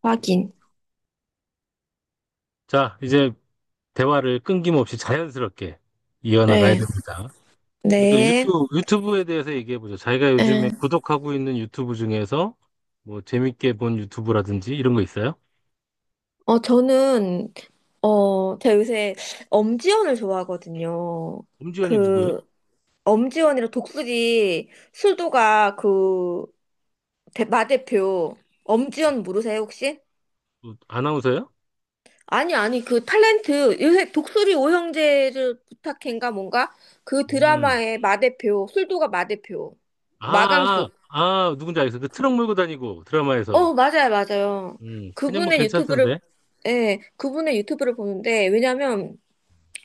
확인. 자, 이제 대화를 끊김없이 자연스럽게 이어나가야 네. 됩니다. 먼저 네. 유튜브, 유튜브에 대해서 얘기해보죠. 자기가 요즘에 네. 구독하고 있는 유튜브 중에서 뭐 재밌게 본 유튜브라든지 이런 거 있어요? 저는, 제가 요새 엄지원을 좋아하거든요. 엄지연이 누구예요? 그, 엄지원이랑 독수리 술도가 그, 대, 마 대표. 엄지원 모르세요, 혹시? 뭐 아나운서예요? 아니, 아니, 그 탤런트, 요새 독수리 오형제를 부탁해인가 뭔가? 그 음. 드라마의 마 대표, 술도가 마 대표. 아, 마강숙. 아, 아, 누군지 알겠어. 그 트럭 몰고 다니고 어, 드라마에서. 맞아요, 맞아요. 그냥 뭐 그분의 괜찮던데. 유튜브를, 예, 그분의 유튜브를 보는데, 왜냐면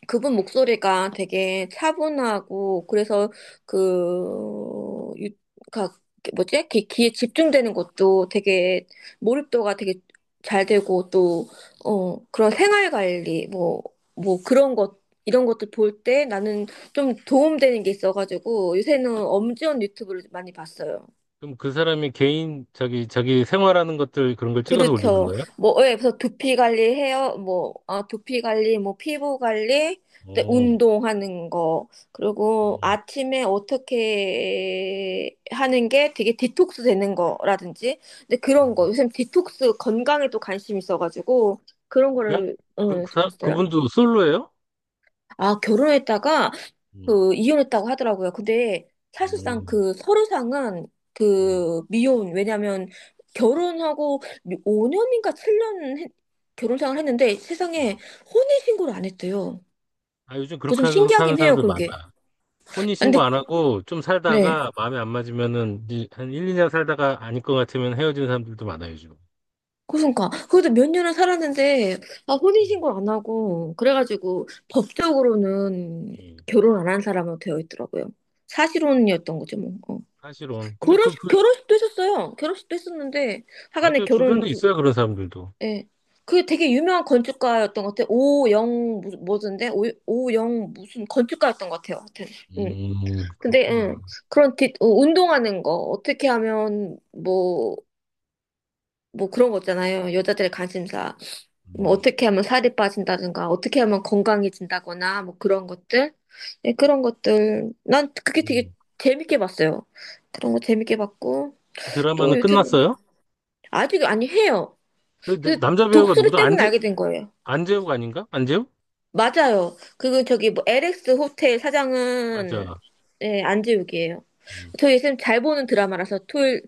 그분 목소리가 되게 차분하고, 그래서 그, 유, 가, 뭐지? 귀, 귀에 집중되는 것도 되게, 몰입도가 되게 잘 되고, 또, 그런 생활 관리, 뭐, 뭐 그런 것, 이런 것들 볼 때 나는 좀 도움되는 게 있어가지고, 요새는 엄지원 유튜브를 많이 봤어요. 그럼 그 사람이 개인, 자기 생활하는 것들 그런 걸 찍어서 올리는 그렇죠. 거예요? 뭐, 예, 그래서 두피 관리, 해요. 뭐, 아, 두피 관리, 뭐, 피부 관리, 또 어. 운동하는 거, 그리고 음. 아침에 어떻게 하는 게 되게 디톡스 되는 거라든지, 근데 그런 거, 요즘 디톡스 건강에 도 관심이 있어가지고, 그런 그냥 거를, 봤어요. 그분도 솔로예요? 아, 결혼했다가 음. 그 이혼했다고 하더라고요. 근데 사실상 음, 그 서류상은 음, 그 미혼 왜냐면 결혼하고 5년인가 7년 결혼 생활 했는데 세상에 음. 혼인 신고를 안 했대요. 아, 요즘 그거 좀 그렇게 하고 사는 신기하긴 해요, 사람들 많아. 그게. 아, 혼인신고 근데 안 하고 좀 네. 살다가 마음에 안 맞으면은 이제 한 1, 2년 살다가 아닐 것 같으면 헤어지는 사람들도 많아요, 요즘. 그러니까 그래도 몇 년을 살았는데 아 혼인 신고를 안 하고 그래가지고 법적으로는 예, 결혼 안 한 사람으로 되어 있더라고요. 사실혼이었던 거죠, 뭐. 어. 사실은. 근데 그, 결혼식 그, 결혼식도 했었어요. 결혼식도 했었는데 하간에 맞아요. 결혼 주변에 그 있어요, 그런 사람들도. 예. 그게 되게 유명한 건축가였던 것 같아요. 오영 무슨 뭐던데? 오, 오영 무슨 건축가였던 것 같아요. 하여튼. 음. 근데 그렇구나. 그런 뒷 운동하는 거 어떻게 하면 뭐 뭐 그런 거 있잖아요. 여자들의 관심사. 뭐 음, 어떻게 하면 살이 빠진다든가 어떻게 하면 건강해진다거나 뭐 그런 것들. 예, 그런 것들. 난 그게 되게 음. 재밌게 봤어요. 그런 거 재밌게 봤고 그 또 드라마는 유튜브 끝났어요? 아직 아니 해요. 근데 그래서 남자 배우가 독수리 누구다? 때문에 안재, 알게 된 거예요. 안재욱 아닌가? 안재욱? 맞아요. 그리고 저기 뭐 LX 호텔 사장은 맞아. 예, 안재욱이에요. 저희 쌤 잘 보는 드라마라서 토요일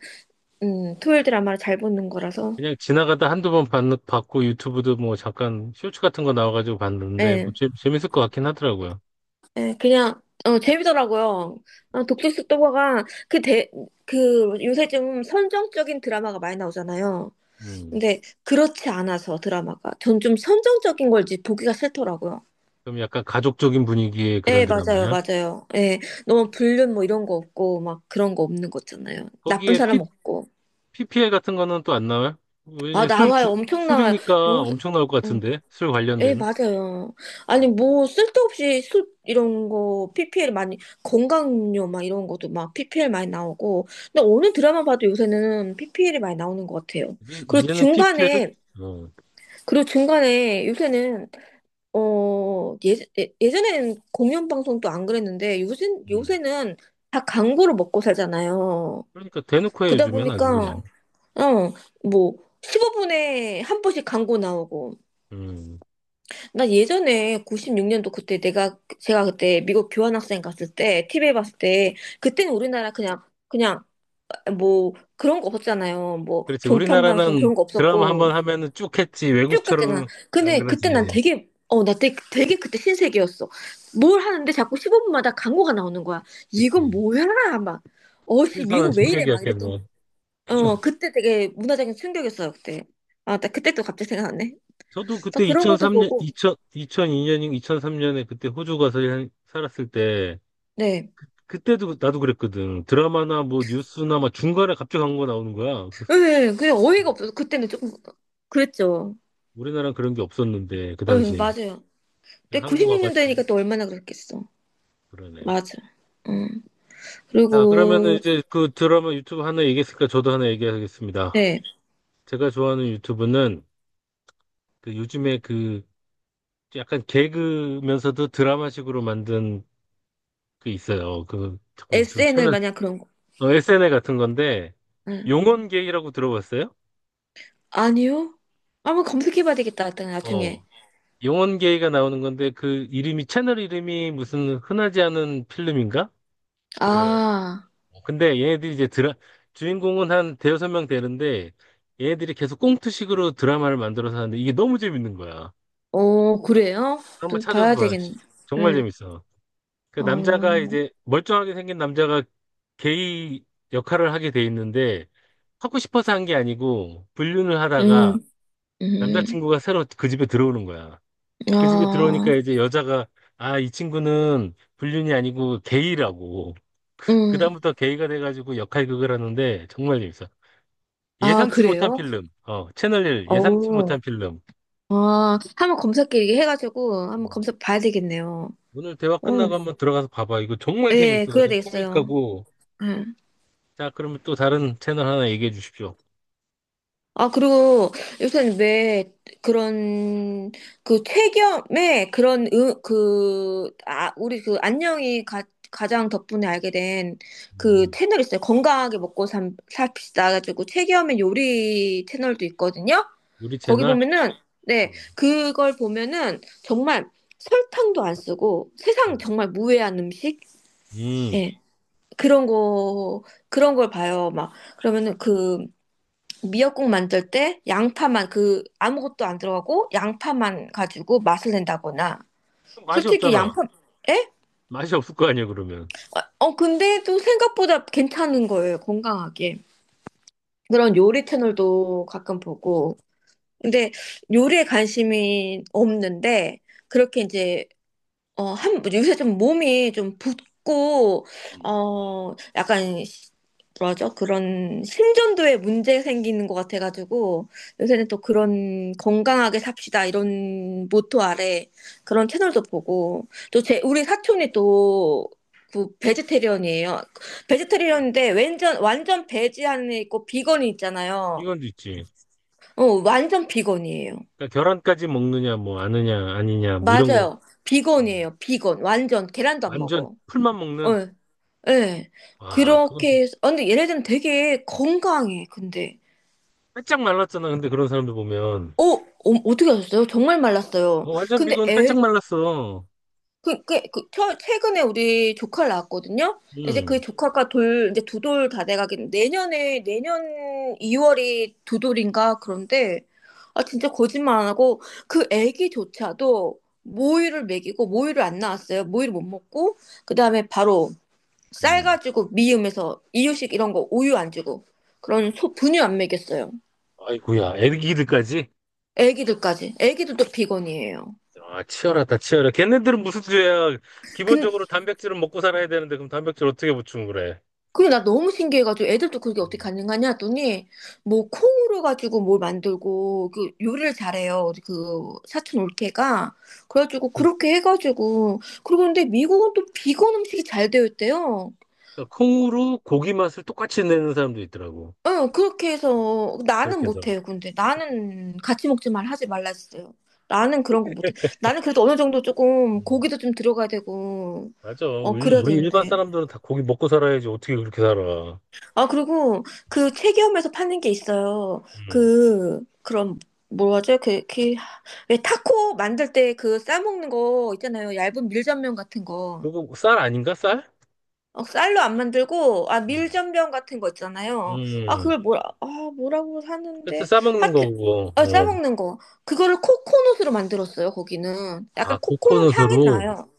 토요일 드라마를 잘 보는 거라서 그냥 지나가다 한두 번 봤고 유튜브도 뭐 잠깐 쇼츠 같은 거 나와가지고 봤는데 뭐 예, 재, 재밌을 것 같긴 하더라고요. 예, 그냥 재미더라고요. 어, 독특식 도가가 그 대, 그 요새 좀 선정적인 드라마가 많이 나오잖아요. 음. 근데 그렇지 않아서 드라마가 전 좀 선정적인 걸지 보기가 싫더라고요. 그럼 약간 가족적인 분위기의 그런 예, 맞아요, 드라마야? 맞아요. 예, 너무 불륜 뭐 이런 거 없고 막 그런 거 없는 거잖아요. 나쁜 거기에 P, 사람 없고. p l 같은 거는 또 안 나와요? 아, 왜냐면 나와요. 엄청 나와요. 술이니까 요새, 엄청 나올 것 음, 같은데 술 예, 관련된. 맞아요. 아니, 음. 뭐, 쓸데없이 술, 이런 거, PPL 많이, 건강음료 막 이런 것도 막 PPL 많이 나오고. 근데 어느 드라마 봐도 요새는 PPL이 많이 나오는 것 같아요. 이제, 그리고 이제는 PPL을 중간에, 어, 그리고 중간에 요새는, 예, 예전에는 공연방송도 안 그랬는데, 음. 요새는 다 광고를 먹고 살잖아요. 그러니까 대놓고 해 그러다 요즘엔 아주 그냥. 보니까, 어, 뭐, 15분에 한 번씩 광고 나오고, 음. 나 예전에 96년도 그때 내가 제가 그때 미국 교환학생 갔을 때 TV에 봤을 때 그때는 우리나라 그냥 뭐 그런 거 없었잖아요. 뭐 그렇지, 종편 방송 우리나라는 그런 거 드라마 한 없었고 번 하면은 쭉 했지. 쭉 갔잖아. 외국처럼 안 근데 그러지. 그때 난 되게 어 나 되게 그때 신세계였어. 뭘 하는데 자꾸 15분마다 광고가 나오는 거야. 그렇지. 이건 뭐야? 막 어씨 신선한 미국 왜 이래? 막 이랬던 충격이었겠네. 그때 되게 문화적인 충격이었어요 그때. 아 나 그때 또 갑자기 생각났네. 저도 그래서 그때 그런 것도 2003년, 보고 2 0 0 2년인가 2003년에 그때 호주 가서 살았을 때, 네. 그때도 그, 나도 그랬거든. 드라마나 뭐 뉴스나 막 중간에 갑자기 광고 나오는 거야. 그래서 예, 그냥 어이가 없어서 그때는 조금 그랬죠. 우리나라는 그런 게 없었는데, 그 예, 당시에. 맞아요. 근데 한국 와가지고, 96년대니까 또 얼마나 그랬겠어. 그러네. 맞아. 음. 자, 그러면은 그리고 이제 그 드라마 유튜브 하나 얘기했으니까 저도 하나 얘기하겠습니다. 네, 제가 좋아하는 유튜브는 그 요즘에 그 약간 개그면서도 드라마식으로 만든 게 있어요. 그, 잠깐 유튜브 SNL 채널 마냥 그런 거. 어, SNL 같은 건데, 예. 용원게이라고 들어봤어요? 아니요? 한번 검색해봐야 되겠다. 일단 어, 나중에. 용원게이가 나오는 건데, 그 이름이, 채널 이름이 무슨 흔하지 않은 필름인가? 그래요. 아, 근데 얘네들이 이제 주인공은 한 대여섯 명 되는데, 얘네들이 계속 꽁트식으로 드라마를 만들어서 하는데, 이게 너무 재밌는 거야. 어, 그래요? 한번 또 찾아서 봐야 봐요. 되겠네. 정말 네. 재밌어. 그 남자가 어, 이제, 멀쩡하게 생긴 남자가 게이 역할을 하게 돼 있는데, 하고 싶어서 한 게 아니고, 불륜을 하다가, 음, 음, 남자친구가 새로 그 집에 들어오는 거야. 그 집에 들어오니까 아, 이제 여자가 아, 이 친구는 불륜이 아니고 게이라고. 음, 그다음부터 게이가 돼가지고 역할극을 하는데 정말 재밌어. 아, 예상치 못한 그래요? 필름. 어, 채널1 예상치 어, 못한 필름. 아, 한번 검색해 해가지고 한번 검색 봐야 되겠네요. 오늘 대화 어, 끝나고 한번 들어가서 봐봐. 이거 정말 예, 재밌어. 그래야 아주 되겠어요. 코믹하고. 예. 자, 그러면 또 다른 채널 하나 얘기해 주십시오. 아, 그리고 요새는 왜 그런, 그 퇴겸의 그런, 그, 아, 우리 그 안녕이 가, 가장 덕분에 알게 된 그 음, 채널 있어요. 건강하게 먹고 삽, 삽시다 가지고 퇴겸의 요리 채널도 있거든요. 요리 거기 채널? 보면은, 네, 음, 그걸 보면은 정말 설탕도 안 쓰고 세상 음. 정말 무해한 음식? 음. 예. 그런 거, 그런 걸 봐요. 막, 그러면은 그, 미역국 만들 때 양파만 그 아무것도 안 들어가고 양파만 가지고 맛을 낸다거나 그럼 맛이 솔직히 없잖아. 양파 에? 맛이 없을 거 아니야, 그러면. 근데도 생각보다 괜찮은 거예요 건강하게 그런 요리 채널도 가끔 보고 근데 요리에 관심이 없는데 그렇게 이제 한, 요새 좀 몸이 좀 붓고, 음. 약간, 뭐라죠? 그런 심전도에 문제 생기는 것 같아가지고, 요새는 또 그런 건강하게 삽시다, 이런 모토 아래 그런 채널도 보고, 또 제, 우리 사촌이 또, 그, 베지테리언이에요. 베지테리언인데, 완전 베지 안에 있고, 비건이 있잖아요. 이건 있지. 어, 완전 비건이에요. 그러니까 계란까지 먹느냐, 뭐, 아느냐, 아니냐, 뭐, 이런 거. 맞아요. 음. 비건이에요. 비건. 완전. 계란도 안 완전 먹어. 풀만 어. 먹는? 예. 와, 그거 그렇게 해서, 아, 근데 얘네들은 되게 건강해, 근데. 빼짝 말랐잖아. 근데 그런 사람들 보면. 떻게 하셨어요? 정말 말랐어요. 어, 완전 근데 비건 애, 빼짝 말랐어. 그, 최근에 우리 조카를 낳았거든요? 이제 응, 그 조카가 돌, 이제 두 돌 다 돼가긴, 내년에, 내년 2월이 두 돌인가? 그런데, 아, 진짜 거짓말 안 하고, 그 애기조차도 모유를 먹이고, 모유를 안 나왔어요. 모유를 못 먹고, 그 다음에 바로, 쌀 응. 가지고 미음에서 이유식 이런 거 우유 안 주고 그런 소 분유 안 먹였어요. 아이고야, 애기들까지? 애기들까지. 애기들도 비건이에요. 아, 치열하다, 치열해. 걔네들은 무슨 죄야. 근, 기본적으로 단백질은 먹고 살아야 되는데, 그럼 단백질 어떻게 보충 그래? 그게 나 너무 신기해가지고 애들도 그게 어떻게 가능하냐 했더니 뭐 콩으로 가지고 뭘 만들고 그 요리를 잘해요. 그 사촌 올케가. 그래가지고 그래서 그렇게 해가지고 그리고 근데 미국은 또 비건 음식이 잘 되어 있대요. 그러니까 콩으로 고기 맛을 똑같이 내는 사람도 있더라고. 그렇게 해서 나는 그렇게 해서. 못해요. 근데 나는 같이 먹지 말 하지 말라 했어요. 나는 그런 거 못해. 나는 그래도 어느 정도 음, 조금 고기도 좀 들어가야 되고 맞아. 어 우리, 그래야 우리 일반 되는데. 사람들은 다 고기 먹고 살아야지. 어떻게 그렇게 살아. 아 그리고 그 체기업에서 파는 게 있어요. 음. 그 그런 뭐라 하죠? 그왜 타코 만들 때 그 싸먹는 거 있잖아요. 얇은 밀전면 같은 거. 그거 뭐 쌀 아닌가, 쌀? 어, 쌀로 안 만들고, 아, 음. 밀전병 같은 거 있잖아요. 아, 음, 그걸 뭐라, 아, 뭐라고 그때 사는데, 싸먹는 하여튼, 거고, 어. 싸먹는 거. 그거를 코코넛으로 만들었어요, 거기는. 아, 약간 코코넛 향이 코코넛으로? 나요.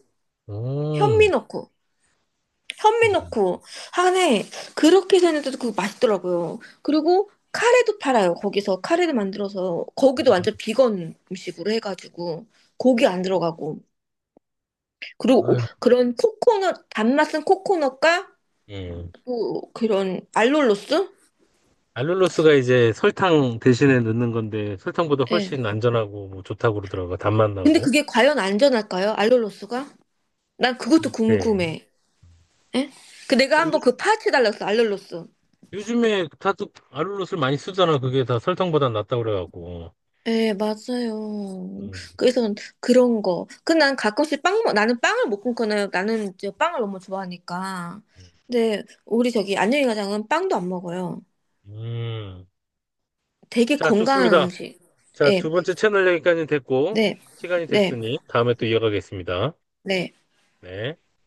음, 현미 넣고, 현미 신기하네. 넣고. 하네, 그렇게 해서 했는데도 그거 맛있더라고요. 그리고 카레도 팔아요, 거기서. 카레를 만들어서. 거기도 완전 비건 음식으로 해가지고. 고기 안 들어가고. 그리고 아유, 그런 코코넛, 단맛은 코코넛과 예. 또 그런 알룰로스? 알룰로스가 이제 설탕 대신에 넣는 건데, 설탕보다 예. 훨씬 안전하고, 뭐, 좋다고 그러더라고, 단맛 근데 나고. 그게 과연 안전할까요? 알룰로스가? 난 그것도 네. 궁금해. 예? 그 내가 한번 요즘, 그 파헤쳐달라 어 알룰로스. 요즘에 다들 알룰로스를 많이 쓰잖아. 그게 다 설탕보다 낫다고 그래갖고. 예, 맞아요. 음, 그래서 그런 거. 그난 가끔씩 빵, 나는 빵을 못 끊거나 나는 이제 빵을 너무 좋아하니까. 근데 우리 저기 안녕히 가장은 빵도 안 먹어요. 음. 되게 자, 건강한 좋습니다. 음식. 자, 두 예, 번째 채널 여기까지 됐고, 네, 시간이 네, 됐으니, 다음에 또 이어가겠습니다. 네. 네.